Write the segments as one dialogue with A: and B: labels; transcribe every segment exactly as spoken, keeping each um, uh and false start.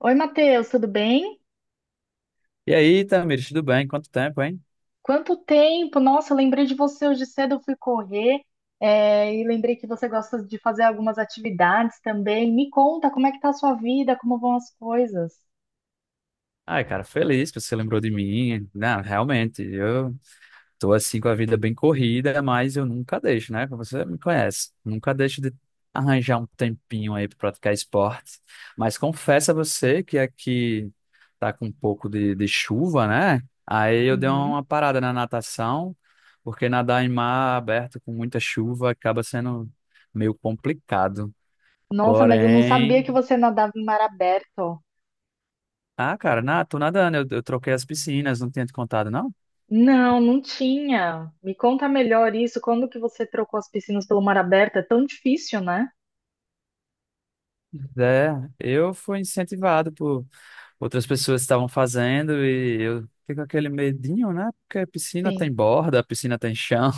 A: Oi, Matheus, tudo bem?
B: E aí, Tamires, tudo bem? Quanto tempo, hein?
A: Quanto tempo? Nossa, eu lembrei de você hoje cedo, eu fui correr, é, e lembrei que você gosta de fazer algumas atividades também. Me conta, como é que tá a sua vida, como vão as coisas?
B: Ai, cara, feliz que você lembrou de mim. Não, realmente, eu tô assim com a vida bem corrida, mas eu nunca deixo, né? Você me conhece. Nunca deixo de arranjar um tempinho aí pra praticar esporte. Mas confesso a você que aqui tá com um pouco de, de chuva, né? Aí eu dei
A: Uhum.
B: uma parada na natação, porque nadar em mar aberto com muita chuva acaba sendo meio complicado.
A: Nossa, mas eu não sabia
B: Porém,
A: que você nadava em mar aberto.
B: Ah, cara, na, tô nadando, eu, eu troquei as piscinas, não tinha te contado, não?
A: Não, não tinha. Me conta melhor isso, quando que você trocou as piscinas pelo mar aberto? É tão difícil, né?
B: É, eu fui incentivado por outras pessoas que estavam fazendo e eu fico com aquele medinho, né? Porque a piscina tem
A: Sim.
B: borda, a piscina tem chão.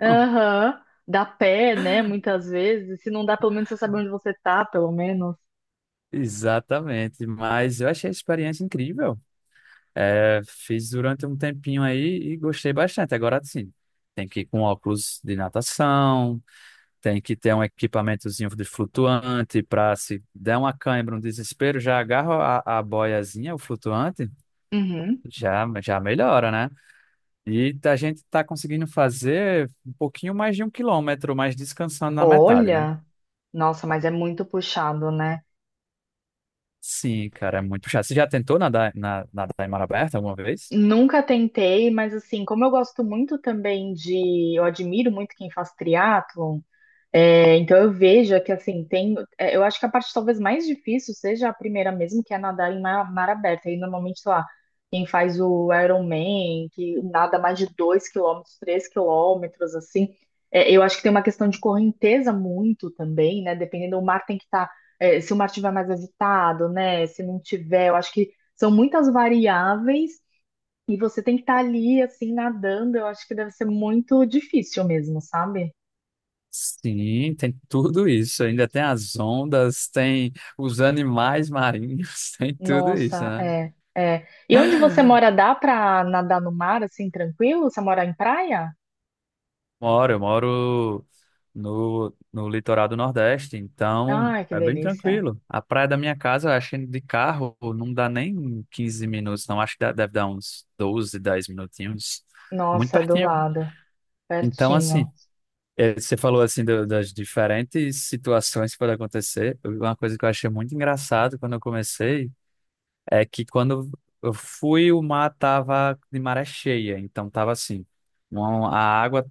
A: Aham. Dá pé, né, muitas vezes. Se não dá, pelo menos você sabe onde você tá, pelo menos.
B: Exatamente, mas eu achei a experiência incrível. É, fiz durante um tempinho aí e gostei bastante. Agora sim, tem que ir com óculos de natação. Tem que ter um equipamentozinho de flutuante para se der uma cãibra, um desespero, já agarra a, a boiazinha, o flutuante, já, já melhora, né? E a gente está conseguindo fazer um pouquinho mais de um quilômetro, mas descansando na metade, né?
A: Olha, nossa, mas é muito puxado, né?
B: Sim, cara, é muito chato. Você já tentou nadar, na, nadar em mar aberto alguma vez?
A: Nunca tentei, mas assim, como eu gosto muito também de, eu admiro muito quem faz triatlon. É, então eu vejo que assim tem, é, eu acho que a parte talvez mais difícil seja a primeira mesmo, que é nadar em mar, mar aberto. Aí normalmente, sei lá, quem faz o Ironman, que nada mais de dois quilômetros, três quilômetros, assim, é, eu acho que tem uma questão de correnteza muito também, né? Dependendo, o mar tem que estar, se o mar estiver mais agitado, né? Se não tiver, eu acho que são muitas variáveis e você tem que estar ali, assim, nadando. Eu acho que deve ser muito difícil mesmo, sabe?
B: Sim, tem tudo isso. Ainda tem as ondas, tem os animais marinhos, tem tudo isso,
A: Nossa,
B: né?
A: é, é. E onde você mora, dá pra nadar no mar assim, tranquilo? Você mora em praia?
B: Moro, eu moro no, no litoral do Nordeste, então
A: Ai, que
B: é bem
A: delícia.
B: tranquilo. A praia da minha casa, eu acho que de carro não dá nem quinze minutos, não. Acho que dá- deve dar uns doze, dez minutinhos. É muito
A: Nossa, é do
B: pertinho.
A: lado,
B: Então, assim,
A: pertinho.
B: eh, você falou assim do- das diferentes situações que podem acontecer. Uma coisa que eu achei muito engraçado quando eu comecei é que quando eu fui, o mar tava de maré cheia, então tava assim. uma- A água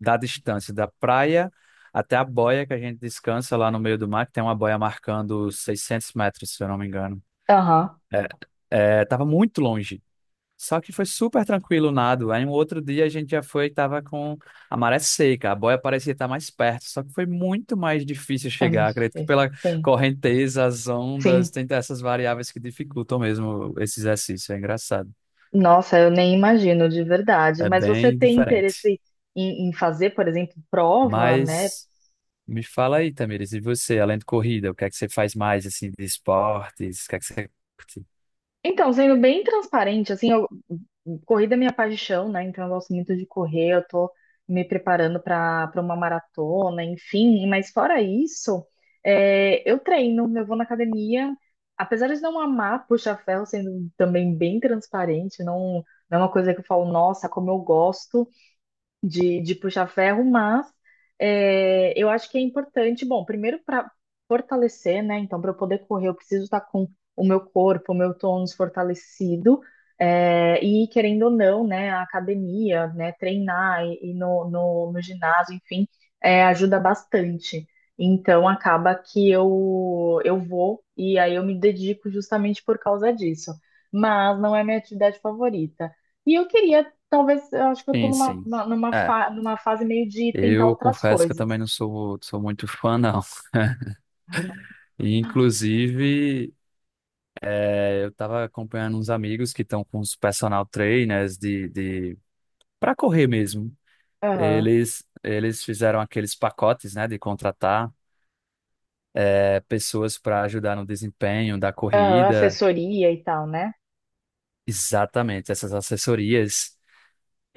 B: da distância da praia até a boia que a gente descansa lá no meio do mar, que tem uma boia marcando seiscentos metros, se eu não me engano.
A: Aham,
B: É, é, tava muito longe. Só que foi super tranquilo o nado. Aí um outro dia a gente já foi e tava com a maré seca. A boia parecia estar mais perto, só que foi muito mais difícil
A: é
B: chegar.
A: muito
B: Acredito que
A: difícil.
B: pela
A: Sim,
B: correnteza, as ondas,
A: sim.
B: tem essas variáveis que dificultam mesmo esse exercício. É engraçado.
A: Nossa, eu nem imagino de verdade.
B: É
A: Mas você
B: bem
A: tem
B: diferente.
A: interesse em, em fazer, por exemplo, prova, né?
B: Mas me fala aí, Tamires, e você, além de corrida, o que é que você faz mais, assim, de esportes? O que é que você curte?
A: Então, sendo bem transparente, assim, eu, corrida é minha paixão, né? Então eu gosto muito de correr, eu tô me preparando para para uma maratona, enfim, mas fora isso, é, eu treino, eu vou na academia, apesar de não amar puxa-ferro, sendo também bem transparente, não, não é uma coisa que eu falo, nossa, como eu gosto, de, de puxar ferro, mas é, eu acho que é importante, bom, primeiro para fortalecer, né? Então, para eu poder correr, eu preciso estar com o meu corpo, o meu tônus fortalecido, é, e querendo ou não, né, a academia, né, treinar e, e no, no, no ginásio, enfim, é, ajuda bastante. Então, acaba que eu, eu vou e aí eu me dedico justamente por causa disso. Mas não é minha atividade favorita. E eu queria. Talvez, eu acho que eu tô
B: Sim,
A: numa,
B: sim.
A: numa,
B: É,
A: fa- numa fase meio de tentar
B: eu
A: outras
B: confesso que eu
A: coisas.
B: também não sou, sou muito fã, não. E, inclusive, é, eu tava acompanhando uns amigos que estão com os personal trainers de, de... para correr mesmo.
A: Aham.
B: Eles, eles fizeram aqueles pacotes, né, de contratar é, pessoas para ajudar no desempenho da
A: Aham,
B: corrida.
A: assessoria e tal, né?
B: Exatamente, essas assessorias.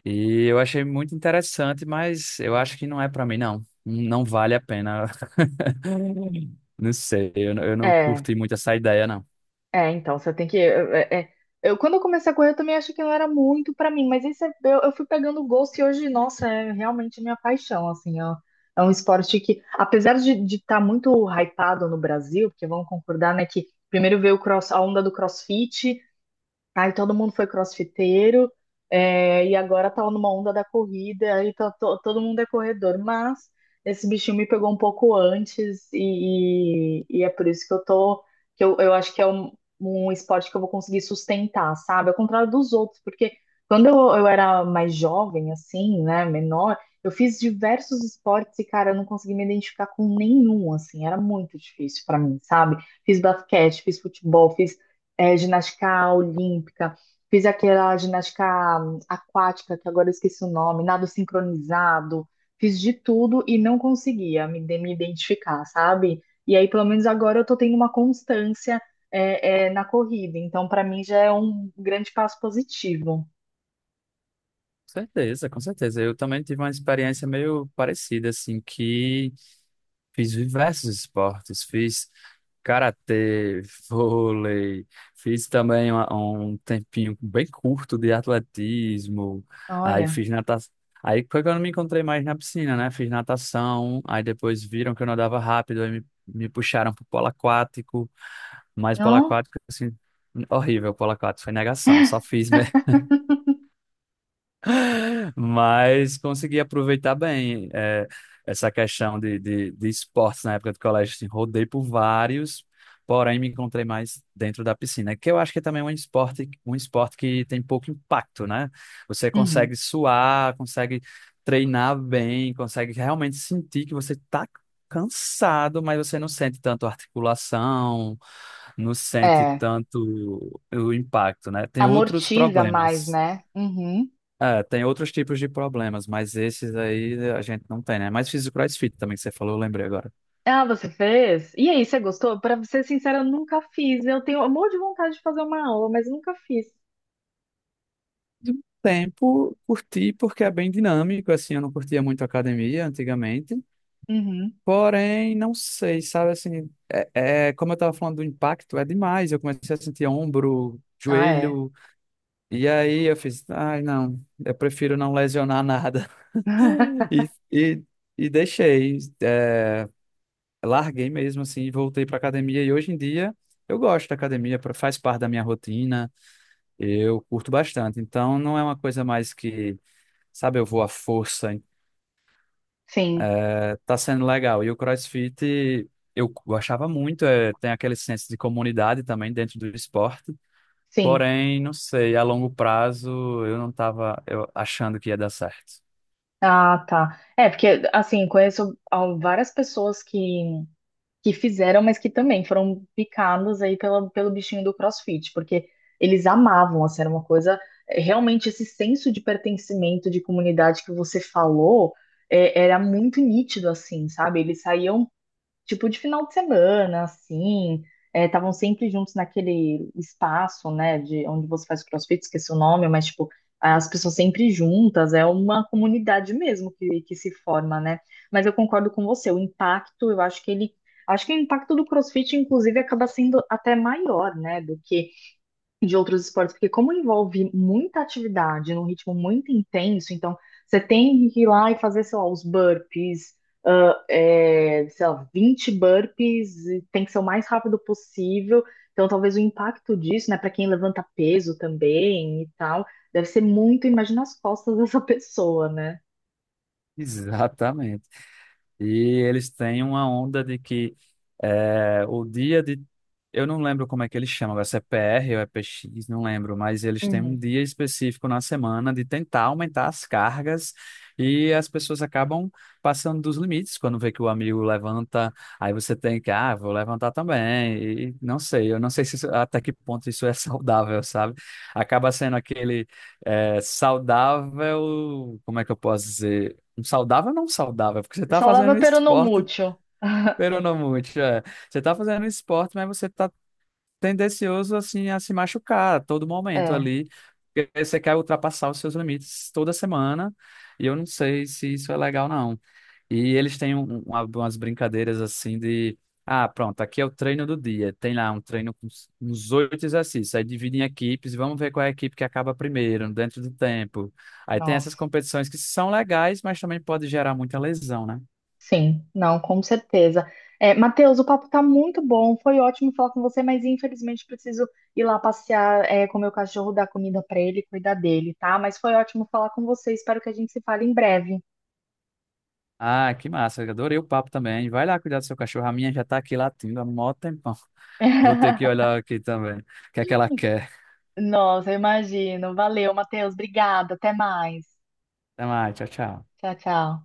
B: E eu achei muito interessante, mas eu acho que não é pra mim, não. Não vale a pena. Não sei, eu, não- eu não
A: É,
B: curti muito essa ideia, não. Com
A: é, então, você tem que. É, é. Eu, quando eu comecei a correr, eu também achei que não era muito pra mim, mas isso é- eu, eu fui pegando o gosto e hoje, nossa, é realmente minha paixão, assim, ó. É um esporte que, apesar de estar muito hypado no Brasil, porque vamos concordar, né, que primeiro veio o cross, a onda do CrossFit. Aí todo mundo foi crossfiteiro, é, e agora tá numa onda da corrida, aí tá, to- todo mundo é corredor, mas esse bichinho me pegou um pouco antes, e, e- e é por isso que eu tô, que eu, eu acho que é um, um esporte que eu vou conseguir sustentar, sabe? Ao contrário dos outros, porque quando eu, eu era mais jovem, assim, né, menor, eu fiz diversos esportes e, cara, eu não consegui me identificar com nenhum, assim, era muito difícil pra mim, sabe? Fiz basquete, fiz futebol, fiz é, ginástica olímpica, fiz aquela ginástica hum, aquática, que agora eu esqueci o nome, nado sincronizado, fiz de tudo e não conseguia me, de- me identificar, sabe? E aí, pelo menos agora, eu tô tendo uma constância, é, é, na corrida, então para mim já é um grande passo positivo.
B: certeza, com certeza. Eu também tive uma experiência meio parecida, assim, que fiz diversos esportes, fiz karatê, vôlei, fiz também uma- um tempinho bem curto de atletismo, aí
A: Olha,
B: fiz natação. Aí foi quando eu me encontrei mais na piscina, né? Fiz natação, aí depois viram que eu nadava rápido, aí me, me puxaram pro polo aquático, mas polo
A: não?
B: aquático, assim, horrível, polo aquático, foi negação, só fiz, mas consegui aproveitar bem é, essa questão de, de, de esportes na época do colégio. Assim, rodei por vários, porém me encontrei mais dentro da piscina, que eu acho que também é um esporte, um esporte que tem pouco impacto, né? Você
A: Uhum.
B: consegue suar, consegue treinar bem, consegue realmente sentir que você está cansado, mas você não sente tanto articulação, não sente
A: É,
B: tanto o impacto, né? Tem outros
A: amortiza mais,
B: problemas.
A: né? Uhum.
B: É, tem outros tipos de problemas, mas esses aí a gente não tem, né? Mas fiz o CrossFit também, que você falou, eu lembrei agora.
A: Ah, você fez? E aí, você gostou? Para ser sincera, eu nunca fiz. Eu tenho um monte de vontade de fazer uma aula, mas nunca fiz.
B: De um tempo, curti porque é bem dinâmico, assim, eu não curtia muito academia antigamente,
A: Uhum.
B: porém, não sei, sabe, assim, é, é- como eu tava falando do impacto, é demais, eu comecei a sentir ombro,
A: Ah, é.
B: joelho, e aí eu fiz, ai, não, eu prefiro não lesionar nada, e, e, e deixei, é, larguei mesmo assim, e voltei para academia e hoje em dia eu gosto da academia, pra- faz parte da minha rotina, eu curto bastante. Então não é uma coisa mais que, sabe, eu vou à força,
A: Sim,
B: eh, tá sendo legal. E o CrossFit eu gostava muito, é tem aquele senso de comunidade também dentro do esporte.
A: sim.
B: Porém, não sei, a longo prazo eu não estava achando que ia dar certo.
A: Ah, tá. É, porque, assim, conheço al- várias pessoas que, que fizeram, mas que também foram picadas aí pela, pelo bichinho do CrossFit, porque eles amavam, assim, era uma coisa. é, Realmente, esse senso de pertencimento, de comunidade que você falou, é, era muito nítido, assim, sabe? Eles saíam tipo de final de semana, assim, estavam sempre juntos naquele espaço, né, de onde você faz o CrossFit, esqueci o nome, mas tipo, as pessoas sempre juntas, é uma comunidade mesmo que, que se forma, né? Mas eu concordo com você, o impacto, eu acho que ele, acho que o impacto do CrossFit, inclusive, acaba sendo até maior, né, do que de outros esportes, porque como envolve muita atividade num ritmo muito intenso, então você tem que ir lá e fazer, sei lá, os burpees, ah, é, sei lá, vinte burpees, e tem que ser o mais rápido possível. Então, talvez o impacto disso, né, para quem levanta peso também e tal, deve ser muito, imagina as costas dessa pessoa, né?
B: Exatamente. E eles têm uma onda de que é, o dia de. Eu não lembro como é que eles chamam, agora, se é P R ou é P X, não lembro, mas eles têm um
A: Uhum.
B: dia específico na semana de tentar aumentar as cargas e as pessoas acabam passando dos limites. Quando vê que o amigo levanta, aí você tem que, ah, vou levantar também. E não sei, eu não sei se isso- até que ponto isso é saudável, sabe? Acaba sendo aquele é, saudável, como é que eu posso dizer? Saudável ou não saudável? Porque você tá
A: Só
B: fazendo
A: leva
B: um
A: pero no
B: esporte,
A: mútil.
B: pero não muito. É. Você tá fazendo um esporte, mas você tá tendencioso assim a se machucar a todo momento
A: É,
B: ali. Porque você quer ultrapassar os seus limites toda semana, e eu não sei se isso é legal, não. E eles têm um- um, uma- umas brincadeiras assim de. Ah, pronto, aqui é o treino do dia. Tem lá um treino com uns uns oito exercícios. Aí dividem em equipes, vamos ver qual é a equipe que acaba primeiro, dentro do tempo. Aí tem essas
A: nossa.
B: competições que são legais, mas também pode gerar muita lesão, né?
A: Sim, não, com certeza. É, Matheus, o papo tá muito bom, foi ótimo falar com você, mas infelizmente preciso ir lá passear, é, com o meu cachorro, dar comida pra ele, cuidar dele, tá? Mas foi ótimo falar com você, espero que a gente se fale em breve.
B: Ah, que massa, eu adorei o papo também. Vai lá cuidar do seu cachorro. A minha já tá aqui latindo há mó tempão. Vou ter que olhar aqui também. O que é que ela quer?
A: Nossa, eu imagino. Valeu, Matheus, obrigada, até mais.
B: Até mais, tchau, tchau.
A: Tchau, tchau.